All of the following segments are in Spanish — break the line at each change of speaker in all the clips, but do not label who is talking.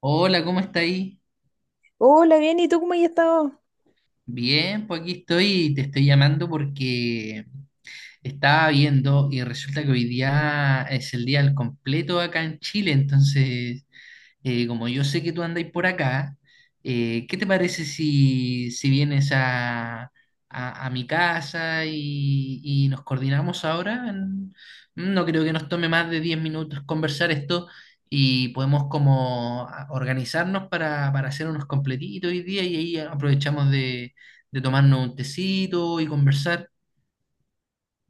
Hola, ¿cómo está ahí?
Hola, bien, ¿y tú cómo has estado?
Bien, pues aquí estoy y te estoy llamando porque estaba viendo y resulta que hoy día es el día al completo acá en Chile. Entonces como yo sé que tú andáis por acá, ¿qué te parece si, si vienes a, a mi casa y nos coordinamos ahora? No creo que nos tome más de 10 minutos conversar esto y podemos como organizarnos para hacer unos completitos hoy día y ahí aprovechamos de tomarnos un tecito y conversar.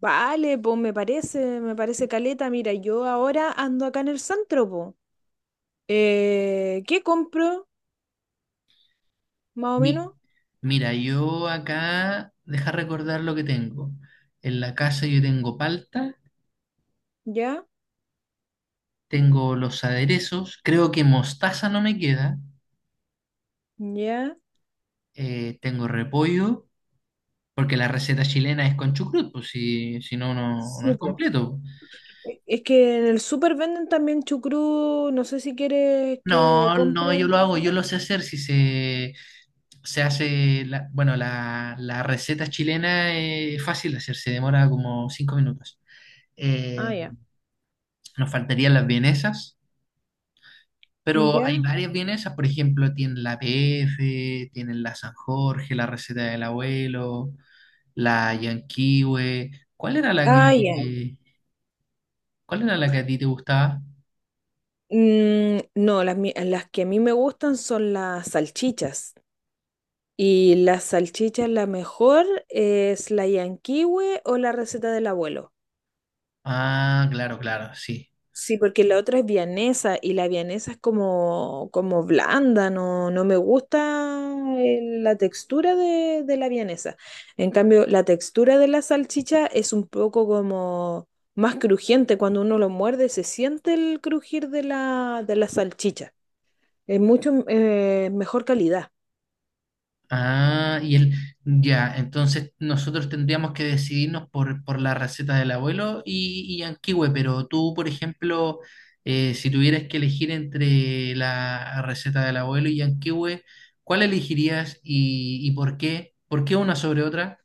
Vale, pues me parece caleta. Mira, yo ahora ando acá en el centro, pues. ¿Qué compro? Más o
Mi-
menos,
Mira, yo acá, deja recordar lo que tengo. En la casa yo tengo palta,
ya,
tengo los aderezos, creo que mostaza no me queda,
ya.
tengo repollo, porque la receta chilena es con chucrut, pues si, si no, no, no
Sí,
es
pues.
completo.
Es que en el súper venden también chucrú, no sé si quieres que
No, no,
compre.
yo lo
Por
hago, yo
súper.
lo sé hacer, si se, se hace, bueno, la receta chilena es fácil de hacer, se demora como 5 minutos.
Ah,
Eh,
ya.
nos faltarían las vienesas. Pero hay
Ya.
varias vienesas, por ejemplo, tienen la PF, tienen la San Jorge, la receta del abuelo, la Yanquiwe. ¿Cuál era la
Ah, ya.
que, cuál era la que a ti te gustaba?
No, las que a mí me gustan son las salchichas. Y la salchicha, la mejor es la yanquiwe o la receta del abuelo.
Ah, claro, claro, sí.
Sí, porque la otra es vianesa y la vianesa es como, como blanda, no, no me gusta la textura de la vianesa. En cambio, la textura de la salchicha es un poco como más crujiente. Cuando uno lo muerde, se siente el crujir de de la salchicha. Es mucho mejor calidad.
Ah, y él, ya, entonces nosotros tendríamos que decidirnos por la receta del abuelo y Yanquiwe. Pero tú, por ejemplo, si tuvieras que elegir entre la receta del abuelo y Yanquiwe, ¿cuál elegirías y por qué? ¿Por qué una sobre otra?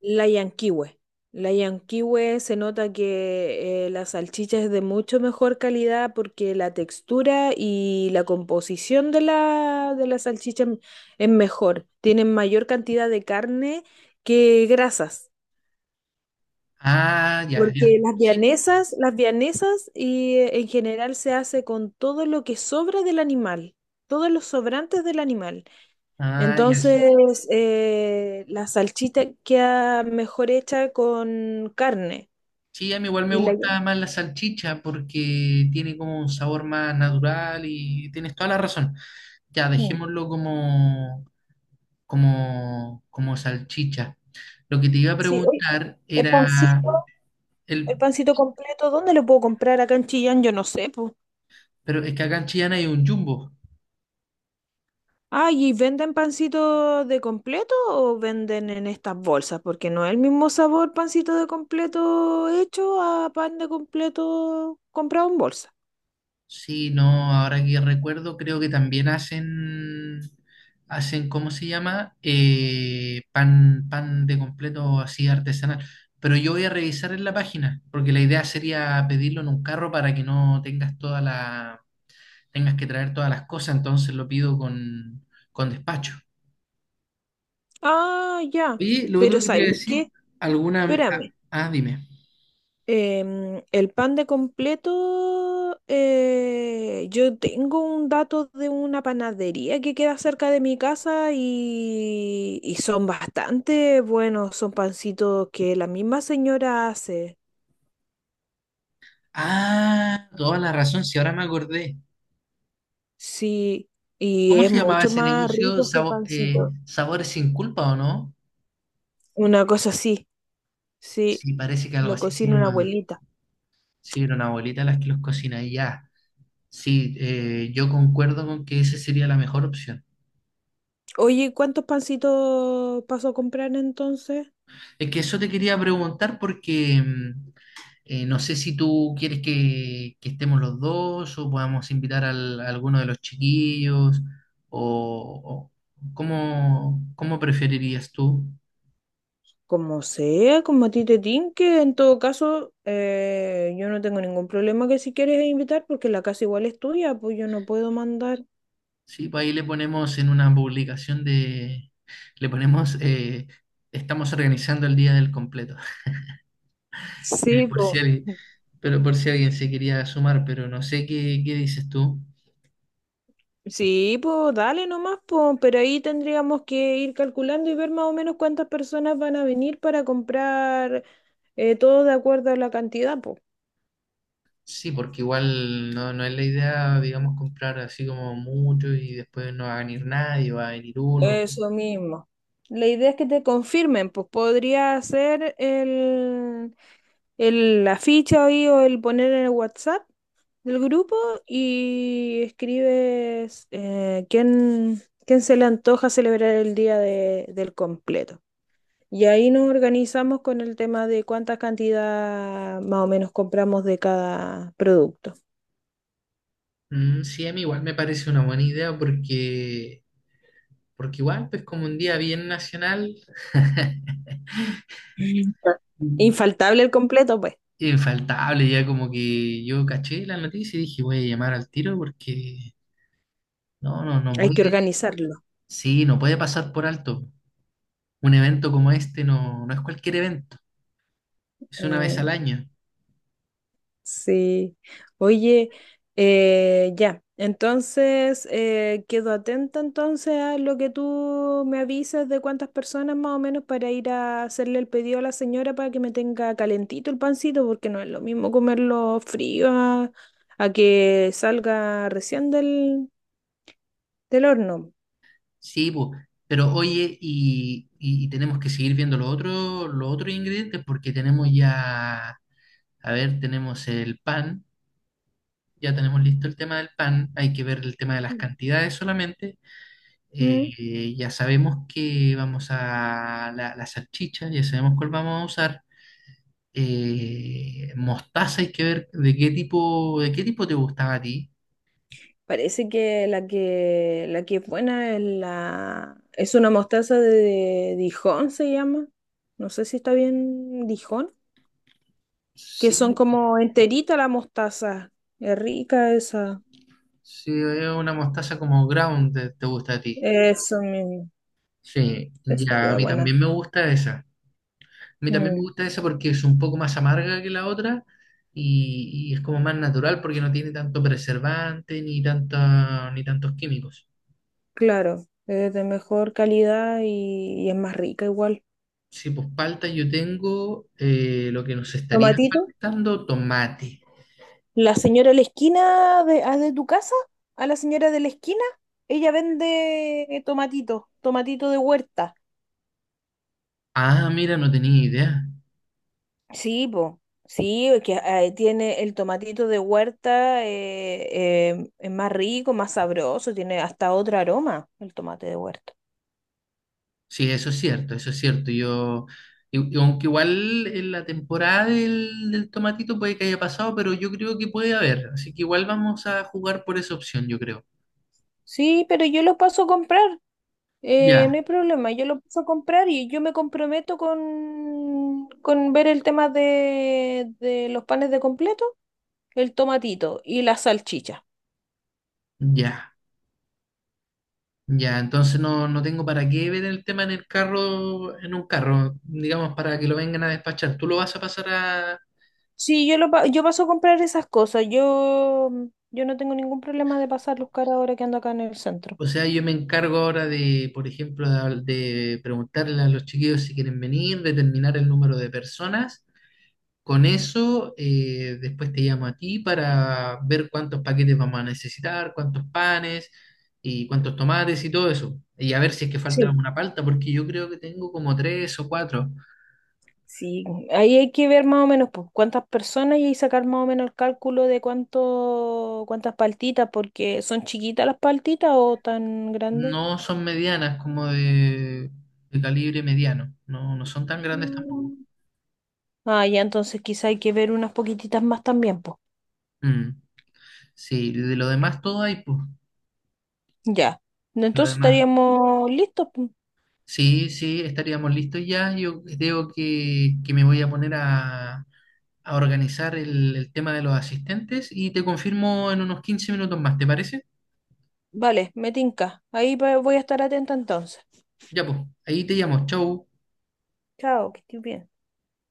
La Yanquiwe. La Yanquiwe se nota que la salchicha es de mucho mejor calidad porque la textura y la composición de de la salchicha es mejor. Tienen mayor cantidad de carne que grasas.
Ah, ya, ya,
Porque las
sí.
vianesas, las vianesas y, en general se hace con todo lo que sobra del animal, todos los sobrantes del animal.
Ah, ya, sí.
Entonces, la salchita queda mejor hecha con carne.
Sí, a mí igual me
Y la...
gusta más la salchicha porque tiene como un sabor más natural y tienes toda la razón. Ya,
Mm.
dejémoslo como, como, como salchicha. Lo que te iba a
Sí, oye,
preguntar
el
era
pancito,
el,
el pancito completo, ¿dónde lo puedo comprar acá en Chillán? Yo no sé, pues.
pero es que acá en Chillán hay un Jumbo.
Ah, ¿y venden pancito de completo o venden en estas bolsas? Porque no es el mismo sabor pancito de completo hecho a pan de completo comprado en bolsa.
Sí, no, ahora que recuerdo, creo que también hacen, hacen, ¿cómo se llama? Pan, pan de completo así artesanal. Pero yo voy a revisar en la página, porque la idea sería pedirlo en un carro para que no tengas toda la, tengas que traer todas las cosas. Entonces lo pido con despacho.
Ah, ya.
Oye, lo otro
Pero
que te iba a
¿sabes
decir,
qué?
alguna,
Espérame.
dime.
El pan de completo, yo tengo un dato de una panadería que queda cerca de mi casa y son bastante buenos, son pancitos que la misma señora hace,
Ah, toda la razón, si ahora me acordé.
sí, y
¿Cómo
es
se llamaba
mucho
ese
más
negocio?
rico ese pancito.
Sabores sin culpa, ¿o no?
Una cosa así, sí,
Sí, parece que algo
lo
así se
cocina una
llama.
abuelita.
Sí, era una abuelita las que los cocina y ya. Sí, yo concuerdo con que esa sería la mejor opción.
Oye, ¿cuántos pancitos paso a comprar entonces?
Es que eso te quería preguntar porque no sé si tú quieres que estemos los dos o podamos invitar a alguno de los chiquillos o, o cómo, cómo preferirías tú.
Como sea, como a ti te tinque. En todo caso, yo no tengo ningún problema que si quieres invitar, porque la casa igual es tuya, pues yo no puedo mandar.
Sí, pues ahí le ponemos en una publicación de… Le ponemos… estamos organizando el día del completo.
Sí,
Por si
po.
alguien, pero por si alguien se quería sumar, pero no sé qué, qué dices tú.
Sí, pues dale nomás, pues, pero ahí tendríamos que ir calculando y ver más o menos cuántas personas van a venir para comprar todo de acuerdo a la cantidad, pues.
Sí, porque igual no, no es la idea, digamos, comprar así como mucho y después no va a venir nadie, va a venir uno.
Eso mismo. La idea es que te confirmen, pues podría ser la ficha ahí o el poner en el WhatsApp del grupo y escribes quién, quién se le antoja celebrar el del completo. Y ahí nos organizamos con el tema de cuánta cantidad más o menos compramos de cada producto.
Mm, sí, a mí igual me parece una buena idea porque, porque igual, pues como un día bien nacional.
Mm. Infaltable el completo, pues,
Infaltable, ya como que yo caché la noticia y dije, voy a llamar al tiro porque no, no, no
hay
puede,
que organizarlo.
sí, no puede pasar por alto. Un evento como este no, no es cualquier evento, es una vez al
Mm.
año.
Sí. Oye, ya. Entonces, quedo atenta entonces a lo que tú me avisas de cuántas personas más o menos para ir a hacerle el pedido a la señora para que me tenga calentito el pancito, porque no es lo mismo comerlo frío a que salga recién del horno.
Sí, po, pero oye, y, y tenemos que seguir viendo los otros ingredientes porque tenemos ya, a ver, tenemos el pan, ya tenemos listo el tema del pan, hay que ver el tema de las
Mm.
cantidades solamente.
¿Mm?
Ya sabemos que vamos a la, la salchicha, ya sabemos cuál vamos a usar. Mostaza hay que ver de qué tipo te gustaba a ti.
Parece que la que es buena es la es una mostaza de Dijon se llama. No sé si está bien Dijon, que son
Sí,
como enterita la mostaza. Es rica esa.
sí, es una mostaza como ground te gusta a ti.
Eso mismo.
Sí,
Eso
ya, a
queda
mí
buena.
también me gusta esa. A mí también me
Mm,
gusta esa porque es un poco más amarga que la otra y es como más natural porque no tiene tanto preservante ni tanta, ni tantos químicos.
claro, es de mejor calidad y es más rica igual.
Sí, pues palta yo tengo. Lo que nos estaría
Tomatito.
faltando, tomate.
La señora de la esquina de tu casa, a la señora de la esquina, ella vende tomatito, tomatito de huerta.
Ah, mira, no tenía idea.
Sí, po. Sí, es que ahí tiene el tomatito de huerta, es más rico, más sabroso, tiene hasta otro aroma el tomate de huerta.
Sí, eso es cierto, eso es cierto. Yo, y aunque igual en la temporada del, del tomatito puede que haya pasado, pero yo creo que puede haber. Así que igual vamos a jugar por esa opción, yo creo.
Sí, pero yo lo paso a comprar, no
Ya,
hay problema, yo lo paso a comprar y yo me comprometo con ver el tema de los panes de completo, el tomatito y la salchicha.
ya, ya. Entonces no, no tengo para qué ver el tema en el carro, en un carro, digamos, para que lo vengan a despachar. Tú lo vas a pasar a…
Sí, yo paso a comprar esas cosas, yo no tengo ningún problema de pasarlos cara ahora que ando acá en el centro.
O sea, yo me encargo ahora de, por ejemplo, de preguntarle a los chiquillos si quieren venir, determinar el número de personas. Con eso, después te llamo a ti para ver cuántos paquetes vamos a necesitar, cuántos panes y cuántos tomates y todo eso. Y a ver si es que falta
Sí.
alguna palta, porque yo creo que tengo como tres o cuatro.
Sí, ahí hay que ver más o menos pues, cuántas personas y ahí sacar más o menos el cálculo de cuántas paltitas, porque son chiquitas las paltitas o tan grandes.
No son medianas, como de calibre mediano. No, no son tan grandes tampoco.
Mm. Ah, ya, entonces quizá hay que ver unas poquititas más también, pues.
Mm, sí, de lo demás todo hay, pues.
Ya.
Lo
Entonces
demás.
estaríamos listos, pues.
Sí, sí, estaríamos listos ya. Yo creo que me voy a poner a organizar el tema de los asistentes y te confirmo en unos 15 minutos más, ¿te parece?
Vale, me tinca. Ahí voy a estar atenta entonces.
Ya pues, ahí te llamo. Chau.
Chao, que estés bien.